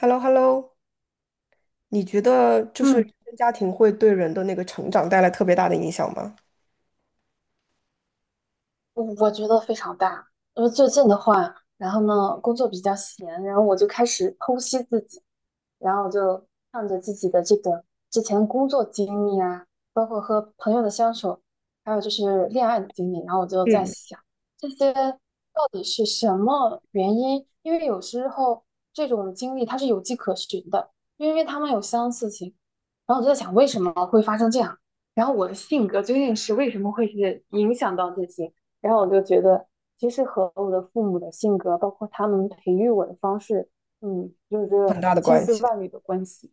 h e l l o h e l l o 你觉得就是原嗯，生家庭会对人的那个成长带来特别大的影响吗？我觉得非常大。因为最近的话，然后呢，工作比较闲，然后我就开始剖析自己，然后我就看着自己的这个之前工作经历啊，包括和朋友的相处，还有就是恋爱的经历，然后我就在想，这些到底是什么原因？因为有时候这种经历它是有迹可循的，因为他们有相似性。然后我就在想，为什么会发生这样？然后我的性格究竟是为什么会是影响到这些？然后我就觉得，其实和我的父母的性格，包括他们培育我的方式，有很着大的千关丝系。万缕的关系。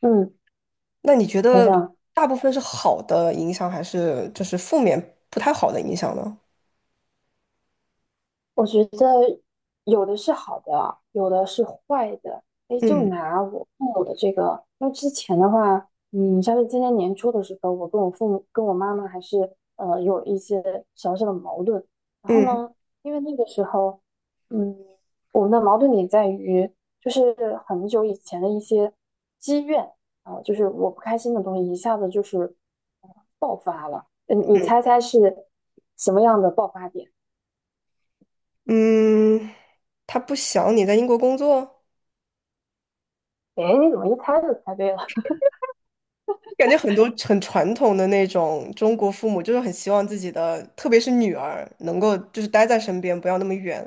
嗯，那你觉想得想大部分是好的影响，还是就是负面不太好的影响呢？我觉得有的是好的，有的是坏的。哎，就嗯拿我父母的这个，因为之前的话，像是今年年初的时候，我跟我父母、跟我妈妈还是有一些小小的矛盾。然后嗯呢，因为那个时候，嗯，我们的矛盾点在于，就是很久以前的一些积怨啊，就是我不开心的东西，一下子就是，嗯，你猜猜是什么样的爆发点？嗯，他不想你在英国工作，哎，你怎么一猜就猜对了？感觉很多很传统的那种中国父母就是很希望自己的，特别是女儿能够就是待在身边，不要那么远。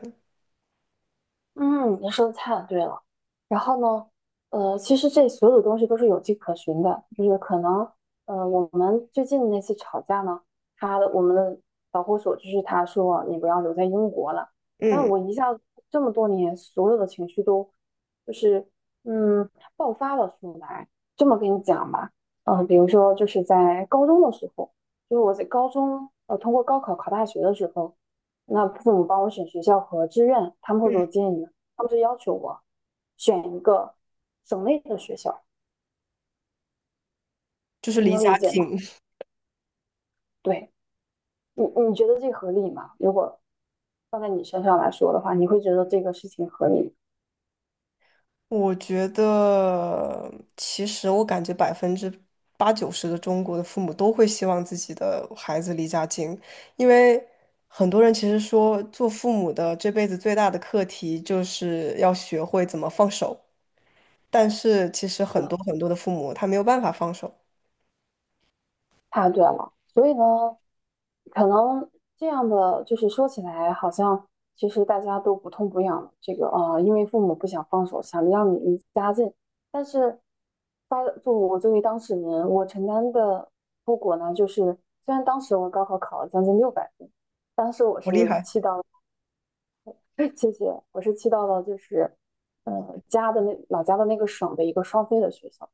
嗯，你说的太对了。然后呢，其实这所有的东西都是有迹可循的，就是可能，我们最近那次吵架呢，我们的导火索就是他说你不要留在英国了，但嗯，我一下子这么多年所有的情绪都就是嗯爆发了出来。这么跟你讲吧，嗯，比如说就是在高中的时候，就是我在高中通过高考考大学的时候。那父母帮我选学校和志愿，他们会给我建议，他们就要求我选一个省内的学校，就是你离能家理解吗？近。对你，你觉得这合理吗？如果放在你身上来说的话，你会觉得这个事情合理我觉得，其实我感觉80%-90%的中国的父母都会希望自己的孩子离家近，因为很多人其实说，做父母的这辈子最大的课题就是要学会怎么放手，但是其实很吗？多很多的父母他没有办法放手，太对了，所以呢，可能这样的就是说起来，好像其实大家都不痛不痒。这个因为父母不想放手，想让你离家近，但是发作我作为当事人，我承担的后果呢，就是虽然当时我高考考了将近六百分，当时我我厉是害气到了，谢谢，我是气到了，就是家的那老家的那个省的一个双非的学校。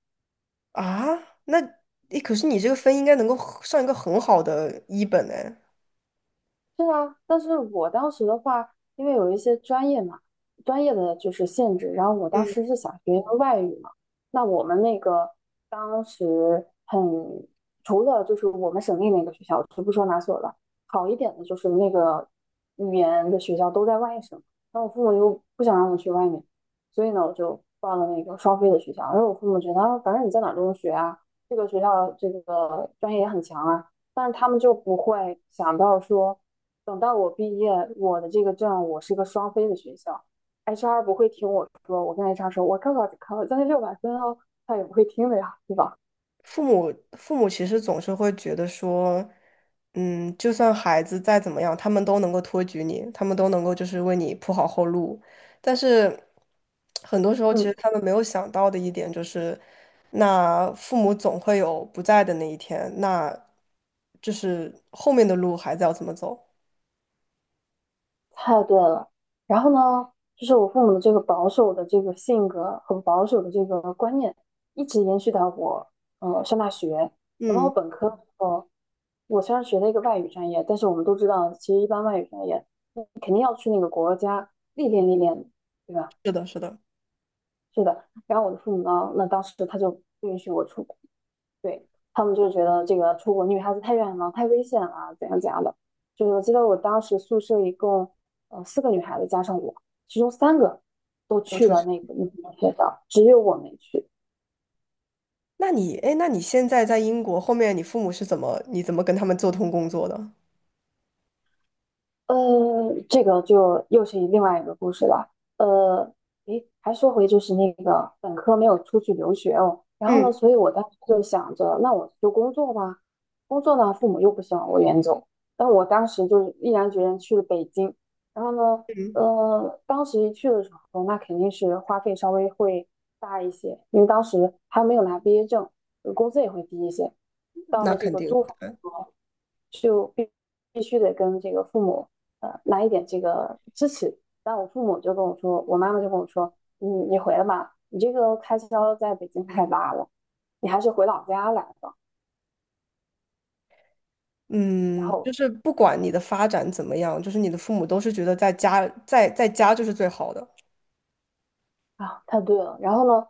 啊！那，诶，可是你这个分应该能够很上一个很好的一本哎。是啊，但是我当时的话，因为有一些专业嘛，专业的就是限制，然后我当时嗯。是想学一个外语嘛，那我们那个当时很，除了就是我们省内那个学校，就不说哪所了，好一点的就是那个语言的学校都在外省，那我父母又不想让我去外面，所以呢，我就报了那个双非的学校，然后我父母觉得，啊反正你在哪儿都能学啊，这个学校这个专业也很强啊。但是他们就不会想到说，等到我毕业，我的这个证我是个双非的学校，HR 不会听我说，我跟 HR 说我高考只考了将近六百分哦，他也不会听的呀，对吧？父母其实总是会觉得说，嗯，就算孩子再怎么样，他们都能够托举你，他们都能够就是为你铺好后路。但是很多时候，其实嗯，他们没有想到的一点就是，那父母总会有不在的那一天，那就是后面的路孩子要怎么走？太对了。然后呢，就是我父母的这个保守的这个性格很保守的这个观念，一直延续到我上大学。等到我嗯，本科的时候，我虽然学了一个外语专业，但是我们都知道，其实一般外语专业历练历练，对吧？是的，是的，是的。然后我的父母呢，那当时他就不允许我出国。对，他们就觉得这个出国女孩子太远了，太危险了，怎样怎样的。就是我记得我当时宿舍一共四个女孩子加上我，其中三个都要去出去。了那个那个学校，只有我没去。那你，哎，那你现在在英国，后面你父母是怎么，你怎么跟他们做通工作的？呃，这个就又是另外一个故事了。呃，诶，还说回就是那个本科没有出去留学哦，然后呢，嗯，所以我当时就想着，那我就工作吧，工作呢，父母又不希望我远走，但我当时就是毅然决然去了北京。然后呢，当时一去的时候，那肯定是花费稍微会大一些，因为当时还没有拿毕业证，工资也会低一些。到那了这肯个定。租房的时候，就必须得跟这个父母。来一点这个支持。但我父母就跟我说，我妈妈就跟我说，你回来吧，你这个开销在北京太大了，你还是回老家来吧。然嗯，就后是不管你的发展怎么样，就是你的父母都是觉得在家就是最好的。啊，太对了。然后呢，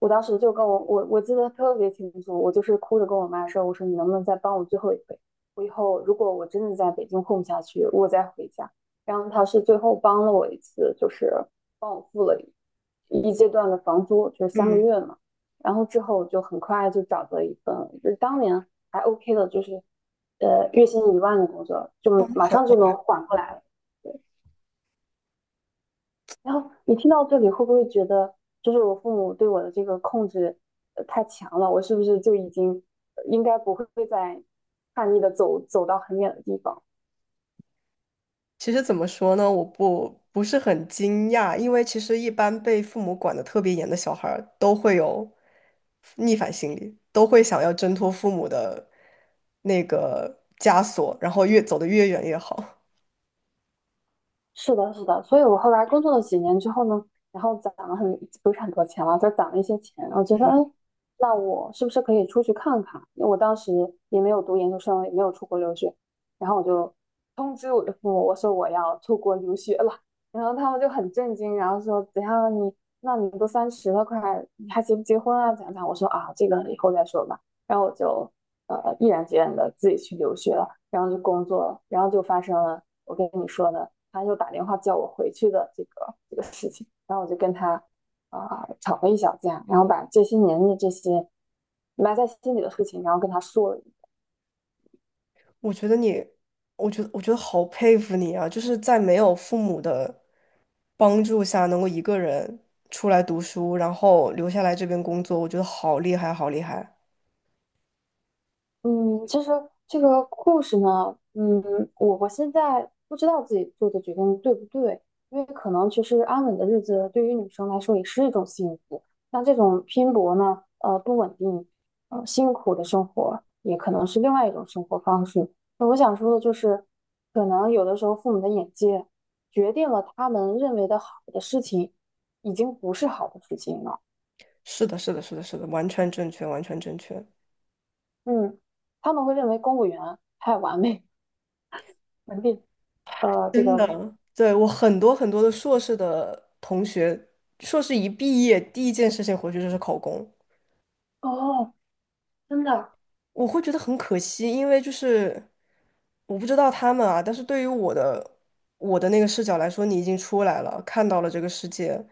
我当时就跟我记得特别清楚，我就是哭着跟我妈说，我说你能不能再帮我最后一回？我以后如果我真的在北京混不下去，我再回家。然后她是最后帮了我一次，就是帮我付了一阶段的房租，就是三个嗯，月嘛。然后之后就很快就找到一份，就是当年还 OK 的，就是月薪1万的工作，状就态马很上就能好。缓过来了。对，然后你听到这里会不会觉得，就是我父母对我的这个控制太强了？我是不是就已经应该不会再叛逆的走到很远的地方？其实怎么说呢，我不是很惊讶，因为其实一般被父母管得特别严的小孩儿都会有逆反心理，都会想要挣脱父母的那个枷锁，然后越走得越远越好。是的，是的，所以我后来工作了几年之后呢，然后攒了很，不是很多钱了，就攒了一些钱。我觉得，哎，那我是不是可以出去看看？因为我当时也没有读研究生，也没有出国留学，然后我就通知我的父母，我说我要出国留学了。然后他们就很震惊，然后说怎样你，那你都30了，快你还结不结婚啊？怎样怎样？我说啊，这个以后再说吧。然后我就毅然决然的自己去留学了，然后就工作了，然后就发生了我跟你说的，他又打电话叫我回去的这个事情，然后我就跟他吵了一小架，然后把这些年的这些埋在心里的事情，然后跟他说了，我觉得你，我觉得好佩服你啊！就是在没有父母的帮助下，能够一个人出来读书，然后留下来这边工作，我觉得好厉害，好厉害！嗯，其实这个故事呢，我现在不知道自己做的决定对不对，因为可能其实安稳的日子对于女生来说也是一种幸福。那这种拼搏呢，不稳定，辛苦的生活也可能是另外一种生活方式。那我想说的就是，可能有的时候父母的眼界决定了他们认为的好的事情，已经不是好的事情了。是的，是的，是的，是的，完全正确，完全正确。嗯，他们会认为公务员太完美、稳定。呃，这真个的，对，我很多很多的硕士的同学，硕士一毕业，第一件事情回去就是考公。哦，真的，我会觉得很可惜，因为就是我不知道他们啊，但是对于我的那个视角来说，你已经出来了，看到了这个世界，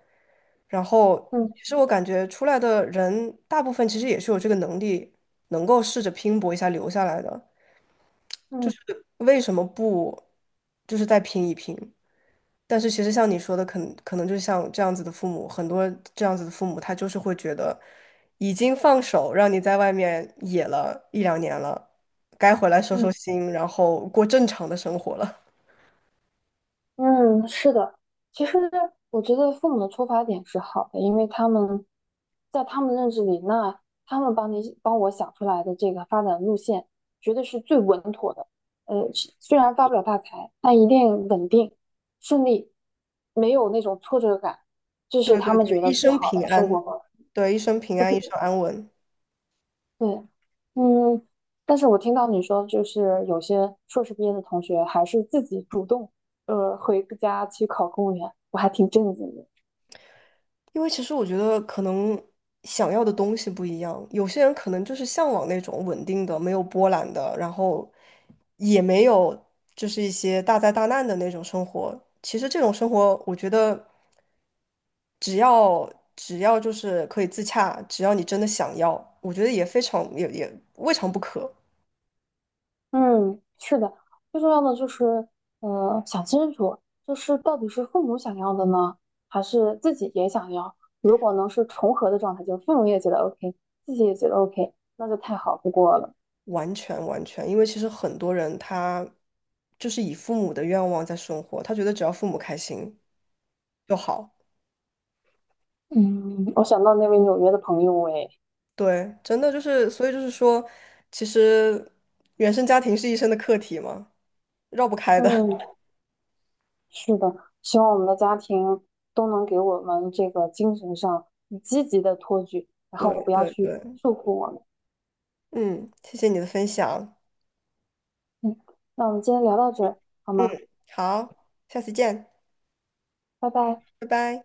然后嗯其实我感觉出来的人大部分其实也是有这个能力，能够试着拼搏一下留下来的，就嗯是为什么不就是再拼一拼？但是其实像你说的，可能就像这样子的父母，很多这样子的父母，他就是会觉得已经放手让你在外面野了1到2年了，该回来收收嗯心，然后过正常的生活了。嗯，是的。其实我觉得父母的出发点是好的，因为他们在他们认知里，那他们帮我想出来的这个发展路线，绝对是最稳妥的。呃，是虽然发不了大财，但一定稳定、顺利，没有那种挫折感，这是对他对们对，觉一得最生好平的生安，活方式。对，一生平安，一生安稳。对，嗯，但是我听到你说，就是有些硕士毕业的同学还是自己主动，回家去考公务员，我还挺震惊的。因为其实我觉得可能想要的东西不一样，有些人可能就是向往那种稳定的、没有波澜的，然后也没有就是一些大灾大难的那种生活。其实这种生活，我觉得只要就是可以自洽，只要你真的想要，我觉得也非常也未尝不可。嗯，是的，最重要的就是，想清楚，就是到底是父母想要的呢，还是自己也想要？如果能是重合的状态，就是父母也觉得 OK,自己也觉得 OK,那就太好不过了。完全完全，因为其实很多人他就是以父母的愿望在生活，他觉得只要父母开心就好。嗯，我想到那位纽约的朋友，哎，对，真的就是，所以就是说，其实原生家庭是一生的课题嘛，绕不开的。嗯。是的，希望我们的家庭都能给我们这个精神上积极的托举，然后对不要对去对，束缚我们。嗯，谢谢你的分享，嗯，那我们今天聊到这儿，好嗯，吗？好，下次见，拜拜。拜拜。